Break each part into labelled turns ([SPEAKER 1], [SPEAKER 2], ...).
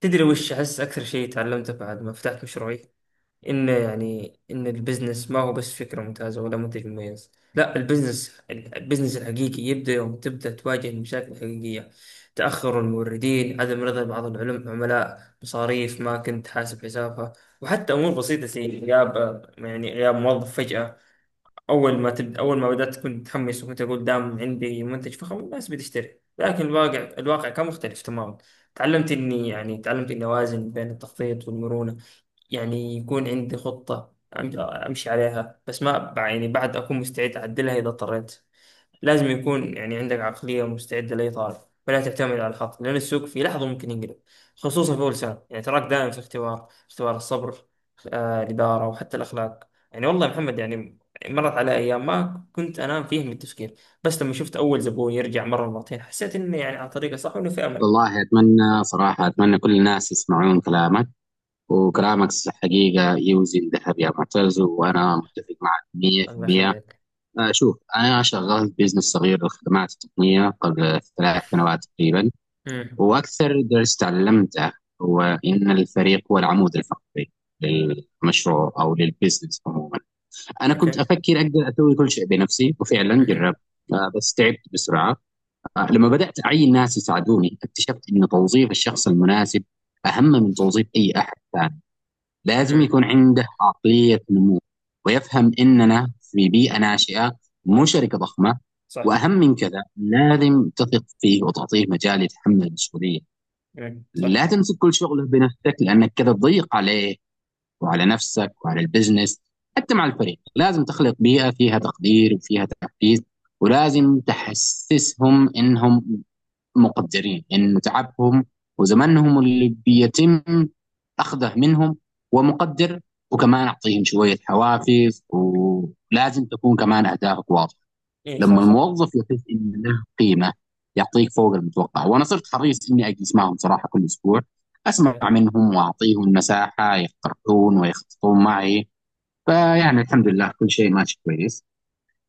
[SPEAKER 1] تدري وش أحس أكثر شيء تعلمته بعد ما فتحت مشروعي؟ إن البزنس ما هو بس فكرة ممتازة ولا منتج مميز، لا، البزنس الحقيقي يبدأ يوم تبدأ تواجه المشاكل الحقيقية. تأخر الموردين، عدم رضا بعض العملاء، مصاريف ما كنت حاسب حسابها، وحتى أمور بسيطة زي غياب موظف فجأة. اول ما بدات كنت متحمس وكنت اقول دام عندي منتج فخم الناس بتشتري، لكن الواقع كان مختلف تماما. تعلمت اني اوازن بين التخطيط والمرونه، يعني يكون عندي خطه امشي عليها، بس ما يعني بعد اكون مستعد اعدلها اذا اضطريت. لازم يكون يعني عندك عقلية مستعدة لأي طالب، فلا تعتمد على الحظ لأن السوق في لحظة ممكن ينقلب. خصوصا في أول سنة يعني تراك دائم في اختبار الصبر. الإدارة وحتى الأخلاق، يعني والله يا محمد، يعني مرت على أيام ما كنت أنام فيه من التفكير. بس لما شفت أول زبون يرجع مرة مرتين حسيت إني يعني على طريقة صح وإنه في أمل.
[SPEAKER 2] والله أتمنى صراحة أتمنى كل الناس يسمعون كلامك وكلامك حقيقة يوزن ذهب يا معتز،
[SPEAKER 1] يعني.
[SPEAKER 2] وأنا متفق معك
[SPEAKER 1] الله
[SPEAKER 2] 100%.
[SPEAKER 1] يخليك.
[SPEAKER 2] شوف، أنا شغلت بزنس صغير للخدمات التقنية قبل 3 سنوات تقريبا.
[SPEAKER 1] امم.
[SPEAKER 2] وأكثر درس تعلمته هو إن الفريق هو العمود الفقري للمشروع أو للبزنس عموما. أنا كنت
[SPEAKER 1] أوكي.
[SPEAKER 2] أفكر أقدر أسوي كل شيء بنفسي وفعلا
[SPEAKER 1] امم.
[SPEAKER 2] جربت. بس تعبت بسرعة. لما بدأت أعين ناس يساعدوني اكتشفت أن توظيف الشخص المناسب أهم من توظيف أي أحد ثاني. لازم
[SPEAKER 1] امم.
[SPEAKER 2] يكون عنده عقلية نمو، ويفهم أننا في بيئة ناشئة، مو
[SPEAKER 1] يعني،
[SPEAKER 2] شركة ضخمة.
[SPEAKER 1] صح.
[SPEAKER 2] وأهم من كذا لازم تثق فيه وتعطيه مجال يتحمل المسؤولية.
[SPEAKER 1] مم. صح.
[SPEAKER 2] لا تمسك كل شغله بنفسك، لأنك كذا تضيق عليه وعلى نفسك وعلى البزنس. حتى مع الفريق لازم تخلق بيئة فيها تقدير وفيها تحفيز، ولازم تحسسهم انهم مقدرين ان تعبهم وزمنهم اللي بيتم اخذه منهم ومقدر. وكمان اعطيهم شويه حوافز، ولازم تكون كمان اهدافك واضحه.
[SPEAKER 1] إيه، صح
[SPEAKER 2] لما
[SPEAKER 1] صح.
[SPEAKER 2] الموظف يحس ان له قيمه يعطيك فوق المتوقع، وانا صرت حريص اني اجلس معهم صراحه كل اسبوع، اسمع منهم واعطيهم مساحه يقترحون ويخططون معي. فيعني الحمد لله كل شيء ماشي كويس.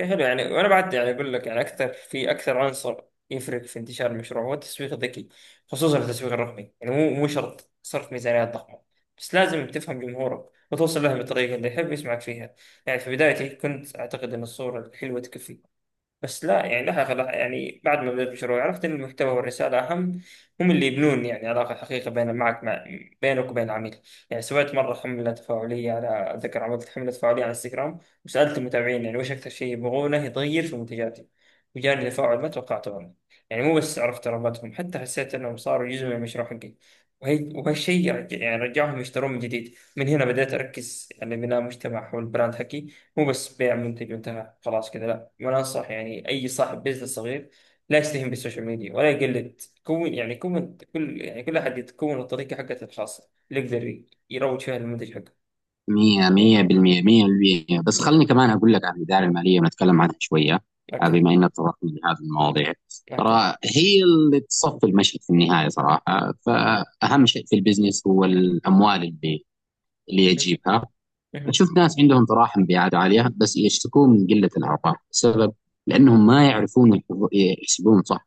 [SPEAKER 1] حلو، يعني وانا بعد يعني اقول لك يعني اكثر عنصر يفرق في انتشار المشروع هو التسويق الذكي، خصوصا التسويق الرقمي. يعني مو شرط صرف ميزانيات ضخمه، بس لازم تفهم جمهورك وتوصل له بالطريقه اللي يحب يسمعك فيها. يعني في بدايتي كنت اعتقد ان الصوره الحلوه تكفي، بس لا، يعني بعد ما بدأت المشروع عرفت إن المحتوى والرسالة أهم. هم اللي يبنون يعني علاقة حقيقية بين معك مع بينك وبين العميل. يعني سويت مرة حملة تفاعلية على أتذكر عملت حملة تفاعلية على انستغرام وسألت المتابعين يعني وش أكثر شيء يبغونه يتغير في منتجاتي، وجاني تفاعل ما توقعته أنا. يعني مو بس عرفت رغبتهم، حتى حسيت إنهم صاروا جزء من المشروع حقي، وهالشيء رجعهم يشترون من جديد. من هنا بدأت أركز على بناء مجتمع حول البراند حقي، مو بس بيع منتج وانتهى خلاص كذا، لا. وانا انصح يعني اي صاحب بزنس صغير لا يستهين بالسوشيال ميديا، ولا يقلد، كون يعني كون كل احد يتكون الطريقه حقته الخاصه اللي يقدر يروج فيها للمنتج حقه.
[SPEAKER 2] مية مية
[SPEAKER 1] إيه.
[SPEAKER 2] بالمية مية بالمية، بس
[SPEAKER 1] إيه.
[SPEAKER 2] خلني كمان أقول لك عن الإدارة المالية ونتكلم عنها شوية.
[SPEAKER 1] اوكي.
[SPEAKER 2] بما إنك تطرقنا لهذه المواضيع،
[SPEAKER 1] اوكي.
[SPEAKER 2] ترى هي اللي تصفي المشهد في النهاية صراحة، فأهم شيء في البزنس هو الأموال اللي
[SPEAKER 1] مهم.
[SPEAKER 2] يجيبها.
[SPEAKER 1] مهم.
[SPEAKER 2] أشوف ناس عندهم طراحة مبيعات عالية بس يشتكون من قلة الأرباح. السبب لأنهم ما يعرفون يحسبون صح.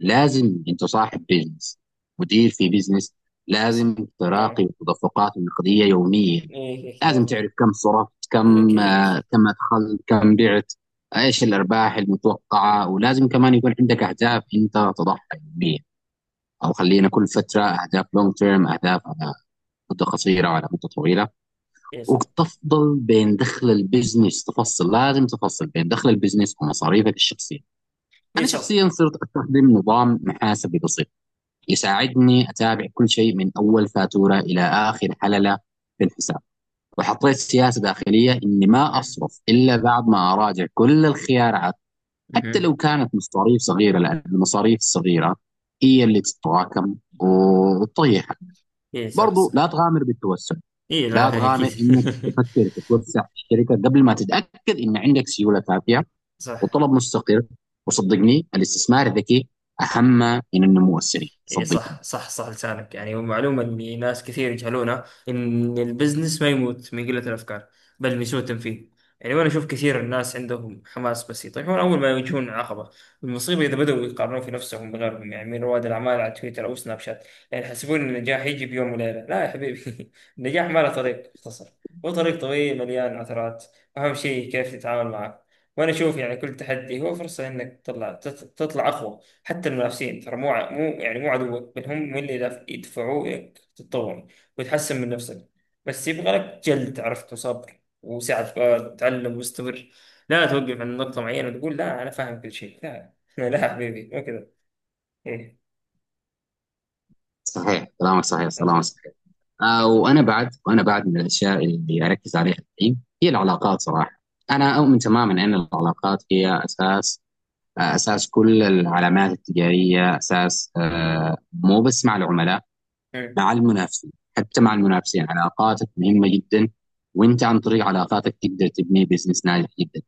[SPEAKER 2] لازم أنت صاحب بزنس، مدير في بزنس، لازم
[SPEAKER 1] نعم.
[SPEAKER 2] تراقب تدفقات النقدية يوميا.
[SPEAKER 1] ايه. إيه،
[SPEAKER 2] لازم
[SPEAKER 1] لازم.
[SPEAKER 2] تعرف كم صرفت،
[SPEAKER 1] ايه
[SPEAKER 2] كم
[SPEAKER 1] اكيد.
[SPEAKER 2] كم أدخلت، كم بعت، إيش الأرباح المتوقعة. ولازم كمان يكون عندك أهداف أنت تضعها يوميا، أو خلينا كل فترة أهداف لونج تيرم، أهداف على مدة قصيرة وعلى مدة طويلة.
[SPEAKER 1] ايه صح.
[SPEAKER 2] وتفضل بين دخل البزنس تفصل لازم تفصل بين دخل البزنس ومصاريفك الشخصية.
[SPEAKER 1] ايه
[SPEAKER 2] أنا
[SPEAKER 1] صح.
[SPEAKER 2] شخصيا صرت أستخدم نظام محاسبي بسيط يساعدني أتابع كل شيء من أول فاتورة إلى آخر حللة في الحساب. وحطيت سياسه داخليه اني ما
[SPEAKER 1] مهم.
[SPEAKER 2] اصرف الا بعد ما اراجع كل الخيارات، حتى
[SPEAKER 1] مهم.
[SPEAKER 2] لو كانت مصاريف صغيره، لان المصاريف الصغيره هي اللي تتراكم وتطيحك.
[SPEAKER 1] ايه صح
[SPEAKER 2] برضو
[SPEAKER 1] صح.
[SPEAKER 2] لا تغامر بالتوسع،
[SPEAKER 1] ايه،
[SPEAKER 2] لا
[SPEAKER 1] لا، إيه، اكيد.
[SPEAKER 2] تغامر انك تفكر تتوسع في الشركه قبل ما تتاكد ان عندك سيوله كافيه
[SPEAKER 1] صح.
[SPEAKER 2] وطلب مستقر. وصدقني الاستثمار الذكي اهم من النمو السريع،
[SPEAKER 1] اي
[SPEAKER 2] صدقني.
[SPEAKER 1] صح صح صح، لسانك. يعني معلومة ان ناس كثير يجهلونها، ان البزنس ما يموت من قلة الافكار بل من سوء التنفيذ. يعني وانا اشوف كثير الناس عندهم حماس بس يطيحون اول ما يواجهون عقبة. المصيبة اذا بدأوا يقارنون في نفسهم بغيرهم، يعني من رواد الاعمال على تويتر او سناب شات، يعني يحسبون ان النجاح يجي بيوم وليلة. لا يا حبيبي النجاح ما له طريق مختصر، وطريق طويل مليان عثرات. اهم شيء كيف تتعامل معه. وانا اشوف يعني كل تحدي هو فرصة انك تطلع، تطلع اقوى. حتى المنافسين، ترى مو مو عدوك، بل هم من اللي يدفعوك تتطور وتحسن من نفسك. بس يبغى لك جلد، عرفت، وصبر وسعة فؤاد، وتعلم واستمر. لا توقف عند نقطة معينة وتقول لا أنا فاهم كل شيء، لا لا حبيبي، مو كذا. إيه.
[SPEAKER 2] صحيح كلامك، صحيح
[SPEAKER 1] صح
[SPEAKER 2] كلامك،
[SPEAKER 1] صح.
[SPEAKER 2] صحيح. وانا بعد من الاشياء اللي اركز عليها الحين هي العلاقات صراحه. انا اؤمن تماما ان العلاقات هي اساس، اساس كل العلامات التجاريه، اساس، مو بس مع العملاء،
[SPEAKER 1] مم.
[SPEAKER 2] مع المنافسين. حتى مع المنافسين علاقاتك مهمه جدا، وانت عن طريق علاقاتك تقدر تبني بزنس ناجح جدا.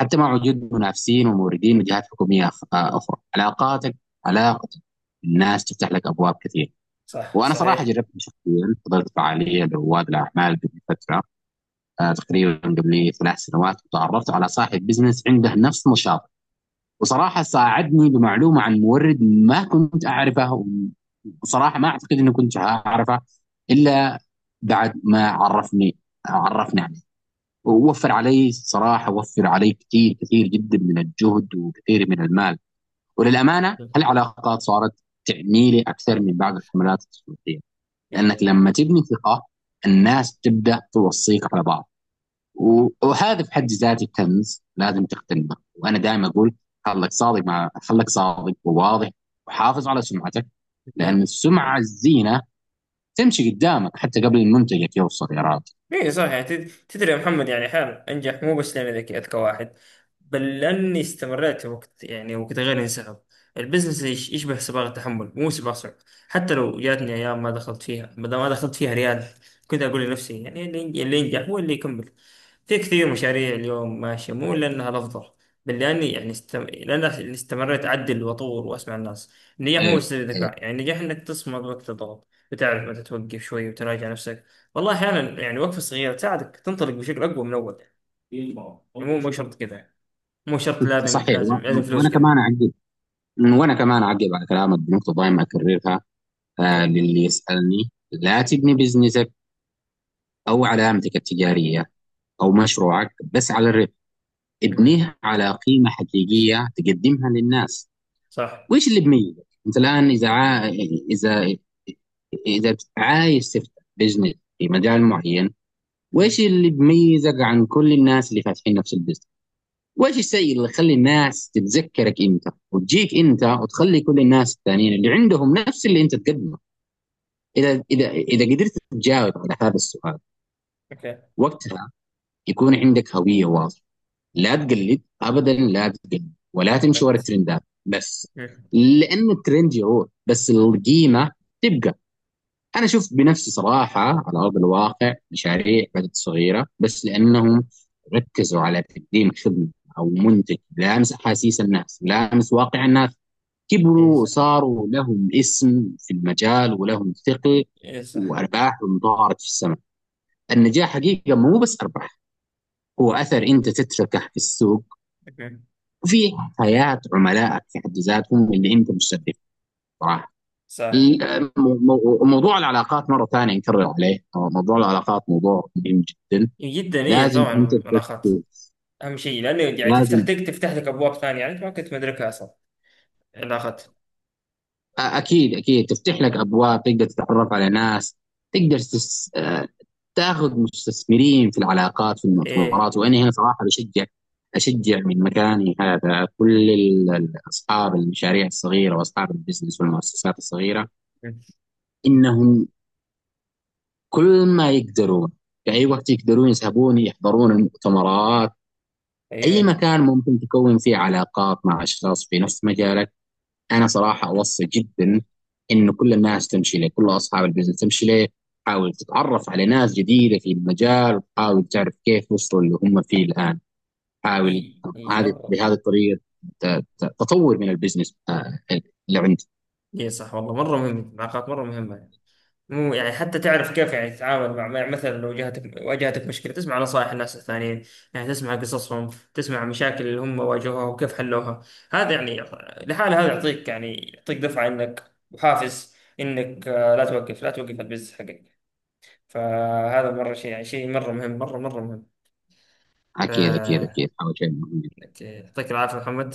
[SPEAKER 2] حتى مع وجود منافسين وموردين من جهات حكوميه اخرى، علاقتك الناس تفتح لك ابواب كثيره.
[SPEAKER 1] صح،
[SPEAKER 2] وانا صراحه
[SPEAKER 1] صحيح.
[SPEAKER 2] جربت شخصيا، حضرت فعاليه لرواد الاعمال قبل فتره، تقريبا قبل 3 سنوات، وتعرفت على صاحب بزنس عنده نفس نشاط. وصراحه ساعدني بمعلومه عن مورد ما كنت اعرفه، وصراحه ما اعتقد اني كنت اعرفه الا بعد ما عرفني عليه. ووفر علي صراحه، وفر علي كثير كثير جدا من الجهد وكثير من المال. وللامانه هالعلاقات صارت تعني لي اكثر من بعض الحملات التسويقيه، لانك
[SPEAKER 1] إيه.
[SPEAKER 2] لما تبني ثقه الناس تبدا توصيك على بعض. وهذا في حد ذاته كنز لازم تقتنعه. وانا دائما اقول: خلك صادق وواضح، وحافظ على سمعتك، لان السمعه الزينه تمشي قدامك حتى قبل منتجك يوصل يا راجل.
[SPEAKER 1] اي صح، يعني تدري يا محمد، يعني احيانا انجح مو بس لاني ذكي اذكى واحد، بل لاني استمريت وقت غير انسحب. البزنس يشبه سباق التحمل، مو سباق صعب. حتى لو جاتني ايام ما دخلت فيها بدل ما دخلت فيها ريال، كنت اقول لنفسي يعني اللي ينجح هو اللي يكمل. في كثير مشاريع اليوم ماشيه مو لانها الافضل، بل لاني استمريت اعدل واطور واسمع الناس. النجاح مو
[SPEAKER 2] ايه،
[SPEAKER 1] بس
[SPEAKER 2] إيه.
[SPEAKER 1] الذكاء، يعني النجاح انك تصمد وقت الضغط وتعرف متى توقف شوي وتراجع نفسك. والله احيانا يعني وقفه صغيره تساعدك تنطلق بشكل اقوى من اول، يعني. يعني مو شرط كذا، يعني. مو شرط لازم
[SPEAKER 2] صحيح.
[SPEAKER 1] لازم لازم فلوس
[SPEAKER 2] وانا
[SPEAKER 1] كذا.
[SPEAKER 2] كمان اعقب وانا كمان اعقب على كلامك بنقطه دائما اكررها.
[SPEAKER 1] اوكي.
[SPEAKER 2] للي يسالني: لا تبني بزنسك او علامتك التجاريه او مشروعك بس على الربح،
[SPEAKER 1] مم.
[SPEAKER 2] ابنيها على قيمة حقيقية تقدمها للناس.
[SPEAKER 1] صح.
[SPEAKER 2] وإيش اللي بميزك أنت الآن، إذا إذا إذا عايز تفتح بزنس في مجال معين؟ وإيش
[SPEAKER 1] مم.
[SPEAKER 2] اللي بميزك عن كل الناس اللي فاتحين نفس البزنس؟ وإيش الشيء اللي يخلي الناس تتذكرك أنت وتجيك أنت وتخلي كل الناس الثانيين اللي عندهم نفس اللي أنت تقدمه؟ إذا قدرت تجاوب على هذا السؤال،
[SPEAKER 1] اوكي.
[SPEAKER 2] وقتها يكون عندك هوية واضحة. لا تجلد ابدا، لا تجلد ولا تمشي ورا
[SPEAKER 1] ابد.
[SPEAKER 2] الترندات بس،
[SPEAKER 1] مم.
[SPEAKER 2] لانه الترند يروح بس القيمه تبقى. انا اشوف بنفسي صراحه على ارض الواقع مشاريع بدات صغيره، بس
[SPEAKER 1] مم.
[SPEAKER 2] لانهم ركزوا على تقديم خدمه او منتج لامس احاسيس الناس، لامس واقع الناس،
[SPEAKER 1] اي
[SPEAKER 2] كبروا
[SPEAKER 1] صح.
[SPEAKER 2] وصاروا لهم اسم في المجال ولهم ثقل،
[SPEAKER 1] اي صح.
[SPEAKER 2] وارباحهم طارت في السماء. النجاح حقيقه مو بس ارباح، هو اثر انت تتركه في السوق
[SPEAKER 1] مم.
[SPEAKER 2] وفي حياه عملائك في حد ذاتهم اللي انت مستهدف. صراحه
[SPEAKER 1] صح.
[SPEAKER 2] موضوع العلاقات مره ثانيه نكرر عليه، موضوع العلاقات موضوع مهم جدا،
[SPEAKER 1] جدا، اي
[SPEAKER 2] لازم
[SPEAKER 1] طبعا.
[SPEAKER 2] انت
[SPEAKER 1] الاخت.
[SPEAKER 2] تركز.
[SPEAKER 1] اهم شيء، لانه يعني تفتح
[SPEAKER 2] لازم،
[SPEAKER 1] لك تفتح لك ابواب ثانيه، يعني انت ما كنت مدركها اصلا. الاخت.
[SPEAKER 2] اكيد اكيد تفتح لك ابواب، تقدر تتعرف على ناس، تقدر تس... تاخذ مستثمرين في العلاقات في
[SPEAKER 1] ايه.
[SPEAKER 2] المؤتمرات. وانا هنا صراحه بشجع، اشجع من مكاني هذا كل اصحاب المشاريع الصغيره واصحاب البزنس والمؤسسات الصغيره،
[SPEAKER 1] مم.
[SPEAKER 2] انهم كل ما يقدرون في أي وقت يقدرون يسحبون يحضرون المؤتمرات، أي
[SPEAKER 1] ايوه.
[SPEAKER 2] مكان ممكن تكون فيه علاقات مع أشخاص في نفس مجالك. أنا صراحة أوصي جدا إنه كل الناس تمشي له، كل أصحاب البزنس تمشي له، حاول تتعرف على ناس جديدة في المجال، وحاول تعرف كيف وصلوا اللي هم فيه الآن،
[SPEAKER 1] اي
[SPEAKER 2] حاول.
[SPEAKER 1] اي
[SPEAKER 2] هذه
[SPEAKER 1] مره.
[SPEAKER 2] بهذه الطريقة ت- تطور من البزنس اللي عندك.
[SPEAKER 1] اي صح، والله مره مهم، العلاقات مره مهمه. مو يعني، حتى تعرف كيف يعني تتعامل مثلا لو جاتك واجهتك مشكلة تسمع نصائح الناس الثانيين، يعني تسمع قصصهم، تسمع مشاكل اللي هم واجهوها وكيف حلوها. هذا يعني لحاله هذا يعطيك يعني يعطيك دفعة انك وحافز انك، لا توقف، لا توقف البزنس حقك. فهذا مرة شيء، يعني شيء مرة مهم، مرة مرة مهم.
[SPEAKER 2] أكيد أكيد
[SPEAKER 1] ف-
[SPEAKER 2] أكيد، حاول شيء مهم جدا.
[SPEAKER 1] أوكي. يعطيك العافية محمد،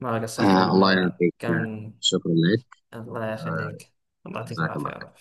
[SPEAKER 1] ما قصرت
[SPEAKER 2] الله
[SPEAKER 1] والله،
[SPEAKER 2] يعطيك،
[SPEAKER 1] كان.
[SPEAKER 2] شكرا لك،
[SPEAKER 1] الله
[SPEAKER 2] آه
[SPEAKER 1] يخليك. الله يعطيك
[SPEAKER 2] جزاك
[SPEAKER 1] العافية يا
[SPEAKER 2] الله.
[SPEAKER 1] رب.